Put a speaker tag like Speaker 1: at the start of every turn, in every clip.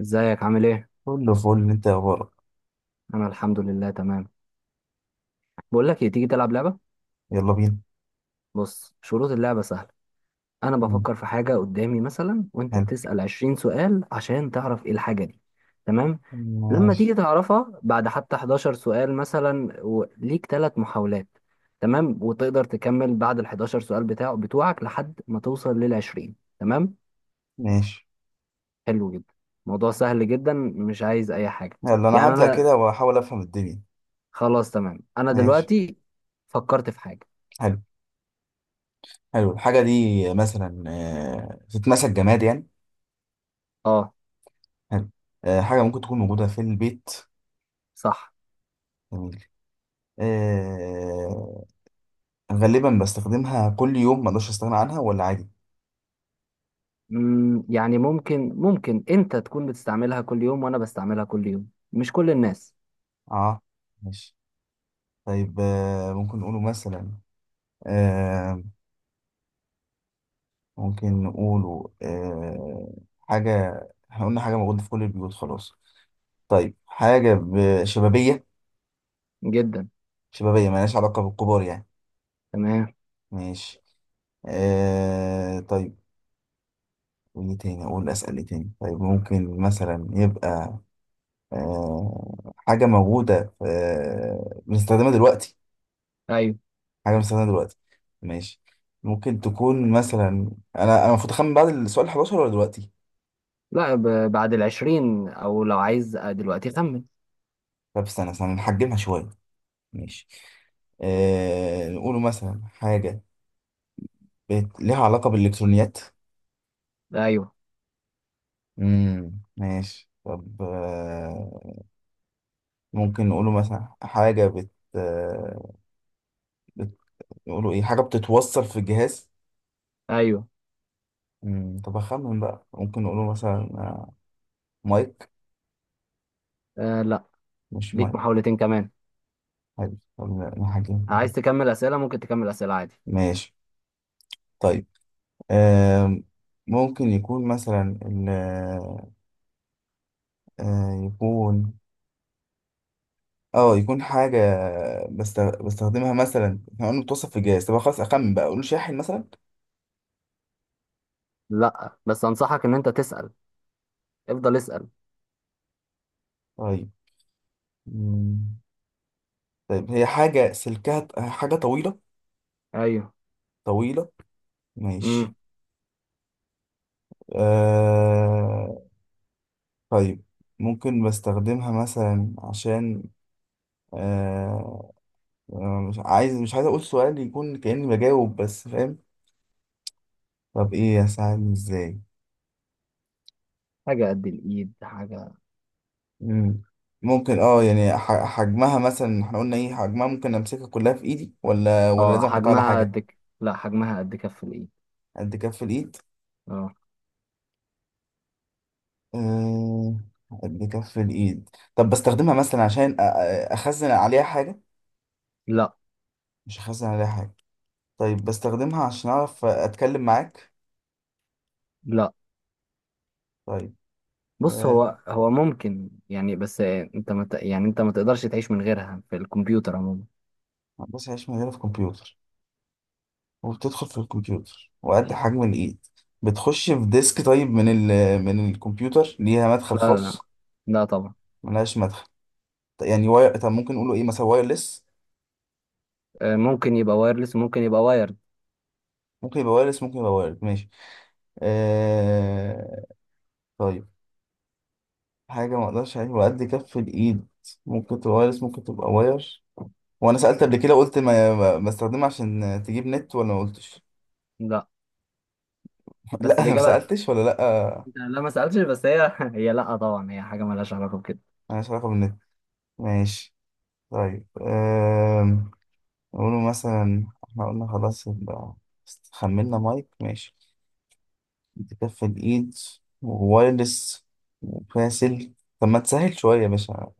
Speaker 1: ازيك عامل ايه؟
Speaker 2: كله فل، انت اخبارك؟
Speaker 1: انا الحمد لله تمام. بقول لك ايه، تيجي تلعب لعبه؟
Speaker 2: يلا بينا.
Speaker 1: بص، شروط اللعبه سهله. انا
Speaker 2: مم.
Speaker 1: بفكر في حاجه قدامي مثلا، وانت
Speaker 2: حلو.
Speaker 1: بتسال 20 سؤال عشان تعرف ايه الحاجه دي. تمام. لما
Speaker 2: ماشي،
Speaker 1: تيجي تعرفها بعد حتى 11 سؤال مثلا، وليك ثلاث محاولات. تمام، وتقدر تكمل بعد ال 11 سؤال بتاعه بتوعك لحد ما توصل لل 20. تمام.
Speaker 2: ماشي.
Speaker 1: حلو جدا. موضوع سهل جدا، مش عايز اي حاجه.
Speaker 2: يلا، انا
Speaker 1: يعني
Speaker 2: هبدأ
Speaker 1: انا
Speaker 2: كده واحاول افهم الدنيا.
Speaker 1: خلاص تمام، انا
Speaker 2: ماشي.
Speaker 1: دلوقتي فكرت في حاجه.
Speaker 2: حلو. حلو الحاجة دي. مثلا تتمسك جماد يعني.
Speaker 1: اه،
Speaker 2: حلو. حاجة ممكن تكون موجودة في البيت.
Speaker 1: صح.
Speaker 2: جميل. آه، غالبا بستخدمها كل يوم، ما اقدرش استغنى عنها، ولا عادي؟
Speaker 1: يعني ممكن انت تكون بتستعملها كل يوم وانا بستعملها كل يوم، مش كل الناس.
Speaker 2: اه. ماشي. طيب، ممكن نقوله مثلا. آه، ممكن نقوله حاجة. احنا قلنا حاجة موجودة في كل البيوت، خلاص. طيب، حاجة شبابية.
Speaker 1: جدا.
Speaker 2: شبابية مالهاش علاقة بالكبار يعني.
Speaker 1: تمام.
Speaker 2: ماشي. طيب. وإيه تاني أقول، أسأل إيه تاني؟ طيب ممكن مثلا يبقى حاجة موجودة في بنستخدمها دلوقتي.
Speaker 1: ايوه.
Speaker 2: حاجة بنستخدمها دلوقتي. ماشي. ممكن تكون مثلا. أنا المفروض أخمن بعد السؤال 11 ولا دلوقتي؟
Speaker 1: لا، بعد الـ20، او لو عايز دلوقتي خمن.
Speaker 2: طب استنى استنى، نحجمها شوية. ماشي. نقوله مثلا حاجة ليها علاقة بالإلكترونيات.
Speaker 1: ايوه.
Speaker 2: ماشي، طب ممكن نقوله مثلا حاجة آه، بت- نقوله ايه، حاجة بتتوصل في الجهاز.
Speaker 1: ايوه.
Speaker 2: طب اخمن بقى، ممكن نقوله مثلا مايك.
Speaker 1: آه، لا.
Speaker 2: مش
Speaker 1: ليك
Speaker 2: مايك.
Speaker 1: محاولتين كمان.
Speaker 2: حلو، طب نقول حاجة
Speaker 1: عايز
Speaker 2: برضه.
Speaker 1: تكمل اسئله، ممكن تكمل اسئله عادي.
Speaker 2: ماشي. طيب. آم، ممكن يكون مثلا يكون اه يكون حاجة بستخدمها مثلا، احنا قلنا بتوصل في الجهاز، طب خلاص اخمن بقى، اقوله شاحن مثلا.
Speaker 1: لا، بس انصحك ان انت تسال، افضل اسال.
Speaker 2: طيب. مم. طيب، هي حاجة سلكها حاجة طويلة.
Speaker 1: ايوه.
Speaker 2: طويلة. ماشي.
Speaker 1: امم.
Speaker 2: آه... طيب. ممكن بستخدمها مثلا عشان آه... مش عايز أقول سؤال يكون كأني بجاوب، بس فاهم. طب إيه أساعدني إزاي؟
Speaker 1: حاجه قد الايد، حاجه.
Speaker 2: مم. ممكن يعني حجمها مثلا، احنا قلنا ايه حجمها؟ ممكن امسكها كلها في ايدي ولا لازم
Speaker 1: اه
Speaker 2: احطها على
Speaker 1: حجمها
Speaker 2: حاجة؟
Speaker 1: لا، حجمها قد كف الايد.
Speaker 2: قد كف الايد.
Speaker 1: اه.
Speaker 2: آه، قد كف الايد. طب بستخدمها مثلا عشان اخزن عليها حاجة.
Speaker 1: لا
Speaker 2: مش حاسس عليها حاجة. طيب بستخدمها عشان أعرف أتكلم معاك؟
Speaker 1: لا.
Speaker 2: طيب.
Speaker 1: بص
Speaker 2: آه،
Speaker 1: هو ممكن يعني، بس انت ما ت- يعني انت ما تقدرش تعيش من غيرها في الكمبيوتر عموما.
Speaker 2: هندسة عيش، مجالي في كمبيوتر؟ وبتدخل في الكمبيوتر وقد حجم الإيد. بتخش في ديسك، طيب من الكمبيوتر ليها مدخل
Speaker 1: لا. لا،
Speaker 2: خاص؟
Speaker 1: لا طبعا.
Speaker 2: ملهاش مدخل. طيب يعني واير، طب ممكن نقوله إيه، مثلا وايرلس؟
Speaker 1: ممكن يبقى وايرلس، ممكن يبقى وايرد.
Speaker 2: ممكن يبقى وايرلس، ممكن يبقى وايرد، ماشي. آه... طيب. حاجة ما أقدرش عليها وقد كف الإيد. ممكن تبقى وايرلس، ممكن تبقى واير. وأنا سألت قبل كده، قلت بستخدمها عشان تجيب نت، ولا ما قلتش؟
Speaker 1: لا،
Speaker 2: لا،
Speaker 1: بس
Speaker 2: انا ما
Speaker 1: الاجابه لا.
Speaker 2: سالتش، ولا لا؟
Speaker 1: انت لا ما سالتش، بس هي هي لا طبعا، هي حاجه مالهاش علاقه بكده.
Speaker 2: مالهاش علاقه بالنت. ماشي. طيب نقوله مثلا، احنا قلنا خلاص يبقى خملنا مايك، ماشي. بتكفي الايد. ووايرلس. وفاسل. طب ما تسهل شويه يا باشا.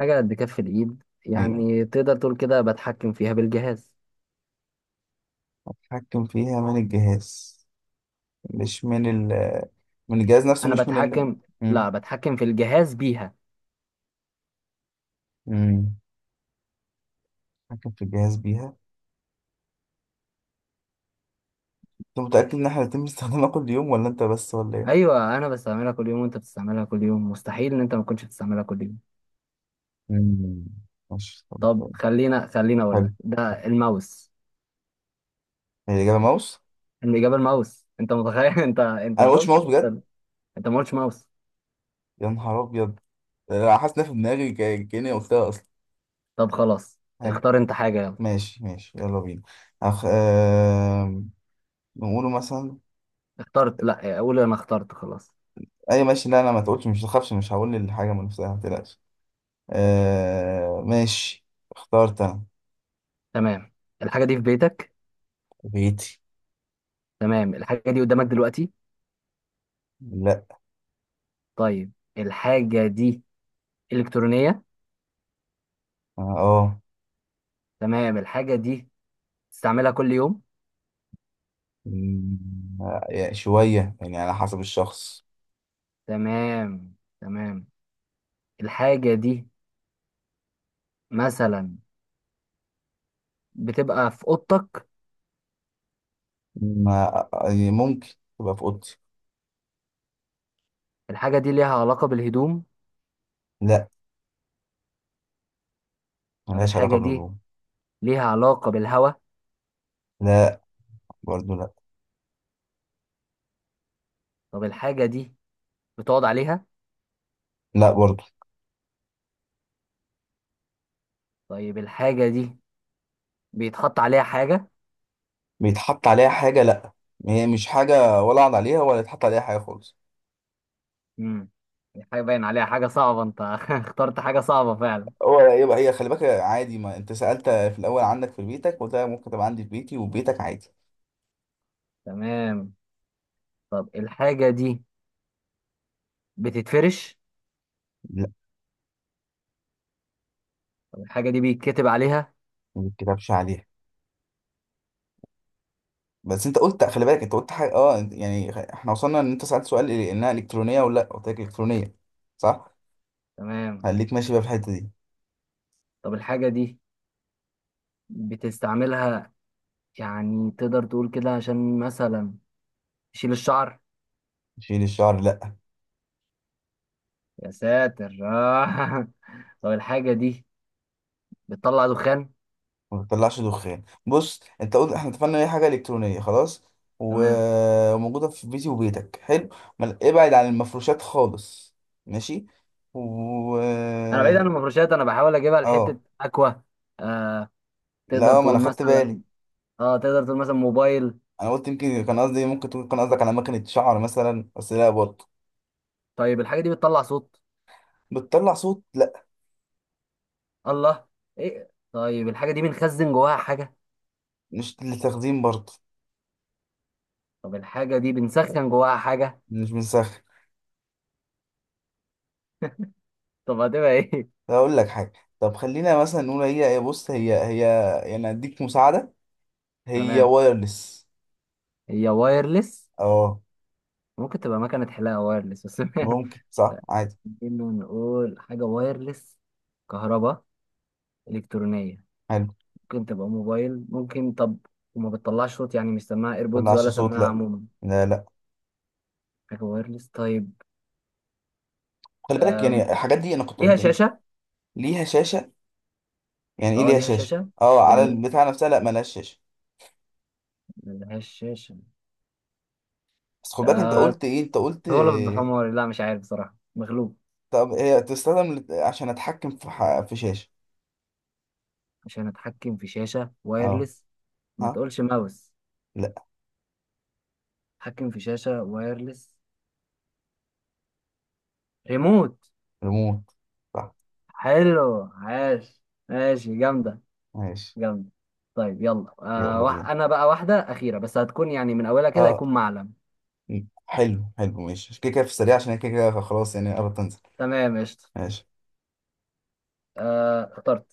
Speaker 1: حاجه قد كف الايد،
Speaker 2: ايوه.
Speaker 1: يعني تقدر تقول كده بتحكم فيها بالجهاز.
Speaker 2: اتحكم فيها من الجهاز. مش من ال من الجهاز نفسه.
Speaker 1: انا
Speaker 2: مش من ال
Speaker 1: بتحكم.
Speaker 2: مم.
Speaker 1: لا، بتحكم في الجهاز بيها.
Speaker 2: مم. اتحكم في الجهاز بيها. انت متاكد ان احنا هنتم استخدامها كل يوم، ولا انت بس، ولا ايه؟
Speaker 1: ايوه، انا بستعملها كل يوم وانت بتستعملها كل يوم، مستحيل ان انت ما كنتش بتستعملها كل يوم.
Speaker 2: مم. ماشي،
Speaker 1: طب
Speaker 2: طب.
Speaker 1: خلينا اقول
Speaker 2: حلو.
Speaker 1: لك ده الماوس.
Speaker 2: هي الإجابة ماوس؟
Speaker 1: الإجابة الماوس، أنت متخيل؟ أنت
Speaker 2: أنا
Speaker 1: أنت
Speaker 2: ما قلتش
Speaker 1: شفت.
Speaker 2: ماوس بجد.
Speaker 1: أنت ما قلتش ماوس.
Speaker 2: يا نهار أبيض. أنا حاسس إنها في دماغي كأني قلتها أصلا.
Speaker 1: طب خلاص.
Speaker 2: حلو.
Speaker 1: اختار أنت حاجة، يلا.
Speaker 2: ماشي، ماشي، يلا بينا. أخ... آه... نقوله مثلا.
Speaker 1: اخترت. لا، أقول أنا اخترت، خلاص.
Speaker 2: أي ماشي، لا أنا ما تقولش، مش تخافش، مش هقول الحاجة من نفسها، ما تقلقش. ماشي. اخترت أنا.
Speaker 1: تمام، الحاجة دي في بيتك.
Speaker 2: بيتي.
Speaker 1: تمام، الحاجة دي قدامك دلوقتي.
Speaker 2: لا.
Speaker 1: طيب، الحاجة دي إلكترونية.
Speaker 2: أه.
Speaker 1: تمام، الحاجة دي تستعملها كل يوم.
Speaker 2: مم، يعني شوية يعني، على حسب الشخص.
Speaker 1: تمام. تمام، الحاجة دي مثلا بتبقى في أوضتك.
Speaker 2: ما... ممكن تبقى في أوضتي.
Speaker 1: الحاجة دي ليها علاقة بالهدوم.
Speaker 2: لا،
Speaker 1: طب
Speaker 2: ملهاش علاقة
Speaker 1: الحاجة دي
Speaker 2: بالهدوم.
Speaker 1: ليها علاقة بالهواء.
Speaker 2: لا، برضو لا.
Speaker 1: طب الحاجة دي بتقعد عليها.
Speaker 2: لا برضو.
Speaker 1: طيب الحاجة دي بيتحط عليها حاجة.
Speaker 2: بيتحط عليها حاجة؟ لأ، هي مش حاجة ولا عض عليها ولا يتحط عليها حاجة خالص.
Speaker 1: امم. الحاجة باين عليها حاجة صعبة، انت اخترت حاجة صعبة فعلا.
Speaker 2: هو يبقى هي، خلي بالك عادي، ما انت سألت في الأول عندك في بيتك، قلت لك ممكن تبقى عندي في بيتي وبيتك عادي.
Speaker 1: تمام. طب الحاجة دي بتتفرش.
Speaker 2: لأ.
Speaker 1: طب الحاجة دي بيتكتب عليها.
Speaker 2: ما بيتكتبش عليها. بس انت قلت خلي بالك، انت قلت حاجة يعني احنا وصلنا ان انت سألت سؤال انها إلكترونية ولا لأ، قلت لك إلكترونية. صح؟
Speaker 1: تمام.
Speaker 2: خليك ماشي بقى في الحتة دي.
Speaker 1: طب الحاجة دي بتستعملها، يعني تقدر تقول كده عشان مثلا تشيل الشعر.
Speaker 2: شيل الشعر؟ لأ.
Speaker 1: يا ساتر، آه. طب الحاجة دي بتطلع دخان.
Speaker 2: ما بتطلعش دخان، بص انت قلت، احنا اتفقنا ان هي حاجه الكترونيه خلاص.
Speaker 1: تمام.
Speaker 2: وموجوده في بيتي وبيتك، حلو. ابعد عن المفروشات خالص. ماشي. و
Speaker 1: انا بعيد عن المفروشات، انا بحاول اجيبها لحتة
Speaker 2: اه.
Speaker 1: اكوا. آه. تقدر
Speaker 2: لا، ما انا
Speaker 1: تقول
Speaker 2: خدت بالي.
Speaker 1: مثلا، اه تقدر تقول مثلا موبايل.
Speaker 2: انا قلت، يمكن كان قصدي، ممكن تكون كان قصدك على مكنه شعر مثلا، بس لا برضه.
Speaker 1: طيب الحاجة دي بتطلع صوت.
Speaker 2: بتطلع صوت؟ لا.
Speaker 1: الله. ايه، طيب الحاجة دي بنخزن جواها حاجة.
Speaker 2: مش للتخزين برضه.
Speaker 1: طب الحاجة دي بنسخن جواها حاجة.
Speaker 2: مش بنسخن.
Speaker 1: طب هتبقى ايه؟
Speaker 2: طب اقول لك حاجه. طب خلينا مثلا نقول هي بص هي. يعني اديك مساعده. هي
Speaker 1: تمام.
Speaker 2: وايرلس.
Speaker 1: هي وايرلس.
Speaker 2: اه،
Speaker 1: ممكن تبقى مكنة حلاقة وايرلس بس.
Speaker 2: ممكن صح عادي.
Speaker 1: انه نقول حاجة وايرلس، كهرباء، إلكترونية.
Speaker 2: حلو.
Speaker 1: ممكن تبقى موبايل، ممكن طب. وما بتطلعش صوت، يعني مش سماعة ايربودز
Speaker 2: طلعش
Speaker 1: ولا
Speaker 2: صوت؟
Speaker 1: سماعة
Speaker 2: لا.
Speaker 1: عموما.
Speaker 2: لا، لا.
Speaker 1: حاجة وايرلس طيب.
Speaker 2: خلي بالك،
Speaker 1: أم...
Speaker 2: يعني الحاجات دي انا كنت
Speaker 1: ليها
Speaker 2: قلت إن
Speaker 1: شاشة.
Speaker 2: ليها شاشه. يعني ايه
Speaker 1: اه
Speaker 2: ليها
Speaker 1: ليها
Speaker 2: شاشه؟
Speaker 1: شاشة.
Speaker 2: اه، على
Speaker 1: يعني
Speaker 2: البتاع نفسها، لا ملهاش شاشه.
Speaker 1: ملهاش شاشة.
Speaker 2: بس خد بالك، انت
Speaker 1: آه،
Speaker 2: قلت ايه، انت قلت
Speaker 1: غلط
Speaker 2: إيه؟
Speaker 1: بحماري، لا مش عارف بصراحة، مغلوب.
Speaker 2: طب هي تستخدم عشان اتحكم في شاشه.
Speaker 1: عشان اتحكم في شاشة
Speaker 2: اه.
Speaker 1: وايرلس. ما
Speaker 2: ها.
Speaker 1: تقولش ماوس.
Speaker 2: لا.
Speaker 1: اتحكم في شاشة وايرلس. ريموت.
Speaker 2: ريموت. صح.
Speaker 1: حلو، عاش. ماشي، جامدة.
Speaker 2: ماشي،
Speaker 1: جامدة. طيب، يلا
Speaker 2: يلا بينا.
Speaker 1: انا بقى واحدة أخيرة بس، هتكون يعني من اولها كده
Speaker 2: اه.
Speaker 1: هيكون معلم.
Speaker 2: حلو، حلو، ماشي، عشان كده كده في السريع، عشان هي كده كده خلاص، يعني قربت تنزل.
Speaker 1: تمام قشطة.
Speaker 2: ماشي.
Speaker 1: آه اخترت.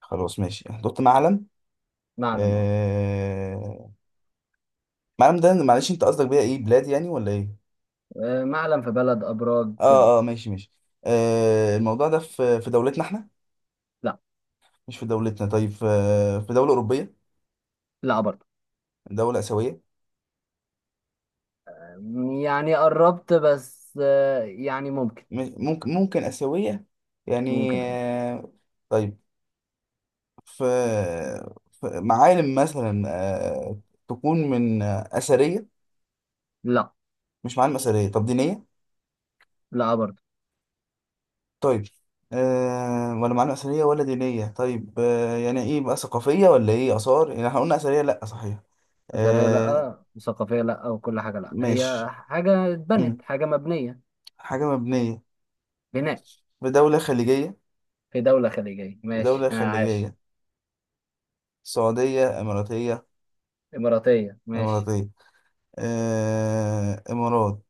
Speaker 2: خلاص، ماشي، حطيت معلم.
Speaker 1: معلم، اه.
Speaker 2: آه... معلم ده، معلش انت قصدك بيها ايه، بلاد يعني ولا ايه؟
Speaker 1: معلم في بلد ابراج كده.
Speaker 2: اه، اه، ماشي، ماشي. الموضوع ده في دولتنا احنا؟
Speaker 1: لا.
Speaker 2: مش في دولتنا، طيب في في دولة أوروبية؟
Speaker 1: لا برضه.
Speaker 2: دولة آسيوية؟
Speaker 1: يعني قربت بس، يعني ممكن.
Speaker 2: ممكن آسيوية. يعني
Speaker 1: ممكن، آه.
Speaker 2: طيب. في في معالم مثلا آه تكون من أثرية؟
Speaker 1: لا.
Speaker 2: مش معالم أثرية، طب دينية؟
Speaker 1: لا برضه.
Speaker 2: طيب. ولا معالم أثرية ولا دينية، طيب يعني إيه بقى، ثقافية ولا إيه، آثار، يعني احنا قلنا أثرية لأ، صحيح.
Speaker 1: أثرية
Speaker 2: آه
Speaker 1: لأ، وثقافية لأ، وكل حاجة لأ، هي
Speaker 2: ماشي.
Speaker 1: حاجة اتبنت،
Speaker 2: مم.
Speaker 1: حاجة مبنية.
Speaker 2: حاجة مبنية.
Speaker 1: بناء.
Speaker 2: في دولة خليجية.
Speaker 1: في دولة خليجية ماشي،
Speaker 2: دولة
Speaker 1: عاش.
Speaker 2: خليجية. سعودية، إماراتية؟
Speaker 1: إماراتية ماشي.
Speaker 2: إماراتية. إمارات.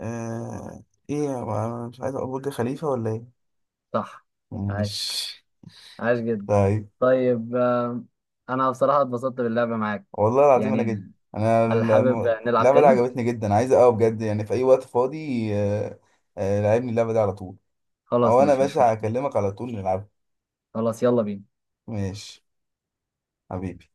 Speaker 2: آه إيه يا جماعة؟ أنا مش عايز أقول برج خليفة ولا إيه؟
Speaker 1: صح. عاش.
Speaker 2: مش
Speaker 1: عاش جدا.
Speaker 2: طيب.
Speaker 1: طيب، أنا بصراحة اتبسطت باللعبة معاك.
Speaker 2: والله العظيم أنا
Speaker 1: يعني.
Speaker 2: جد. أنا
Speaker 1: هل حابب نلعب
Speaker 2: اللعبة دي
Speaker 1: تاني؟
Speaker 2: عجبتني جدا، عايز أقوى بجد، يعني في أي وقت فاضي لعبني اللعبة دي على طول.
Speaker 1: خلاص
Speaker 2: أو أنا يا
Speaker 1: ماشي، مش
Speaker 2: باشا
Speaker 1: مشكلة.
Speaker 2: هكلمك على طول نلعب.
Speaker 1: خلاص يلا بينا.
Speaker 2: ماشي. حبيبي.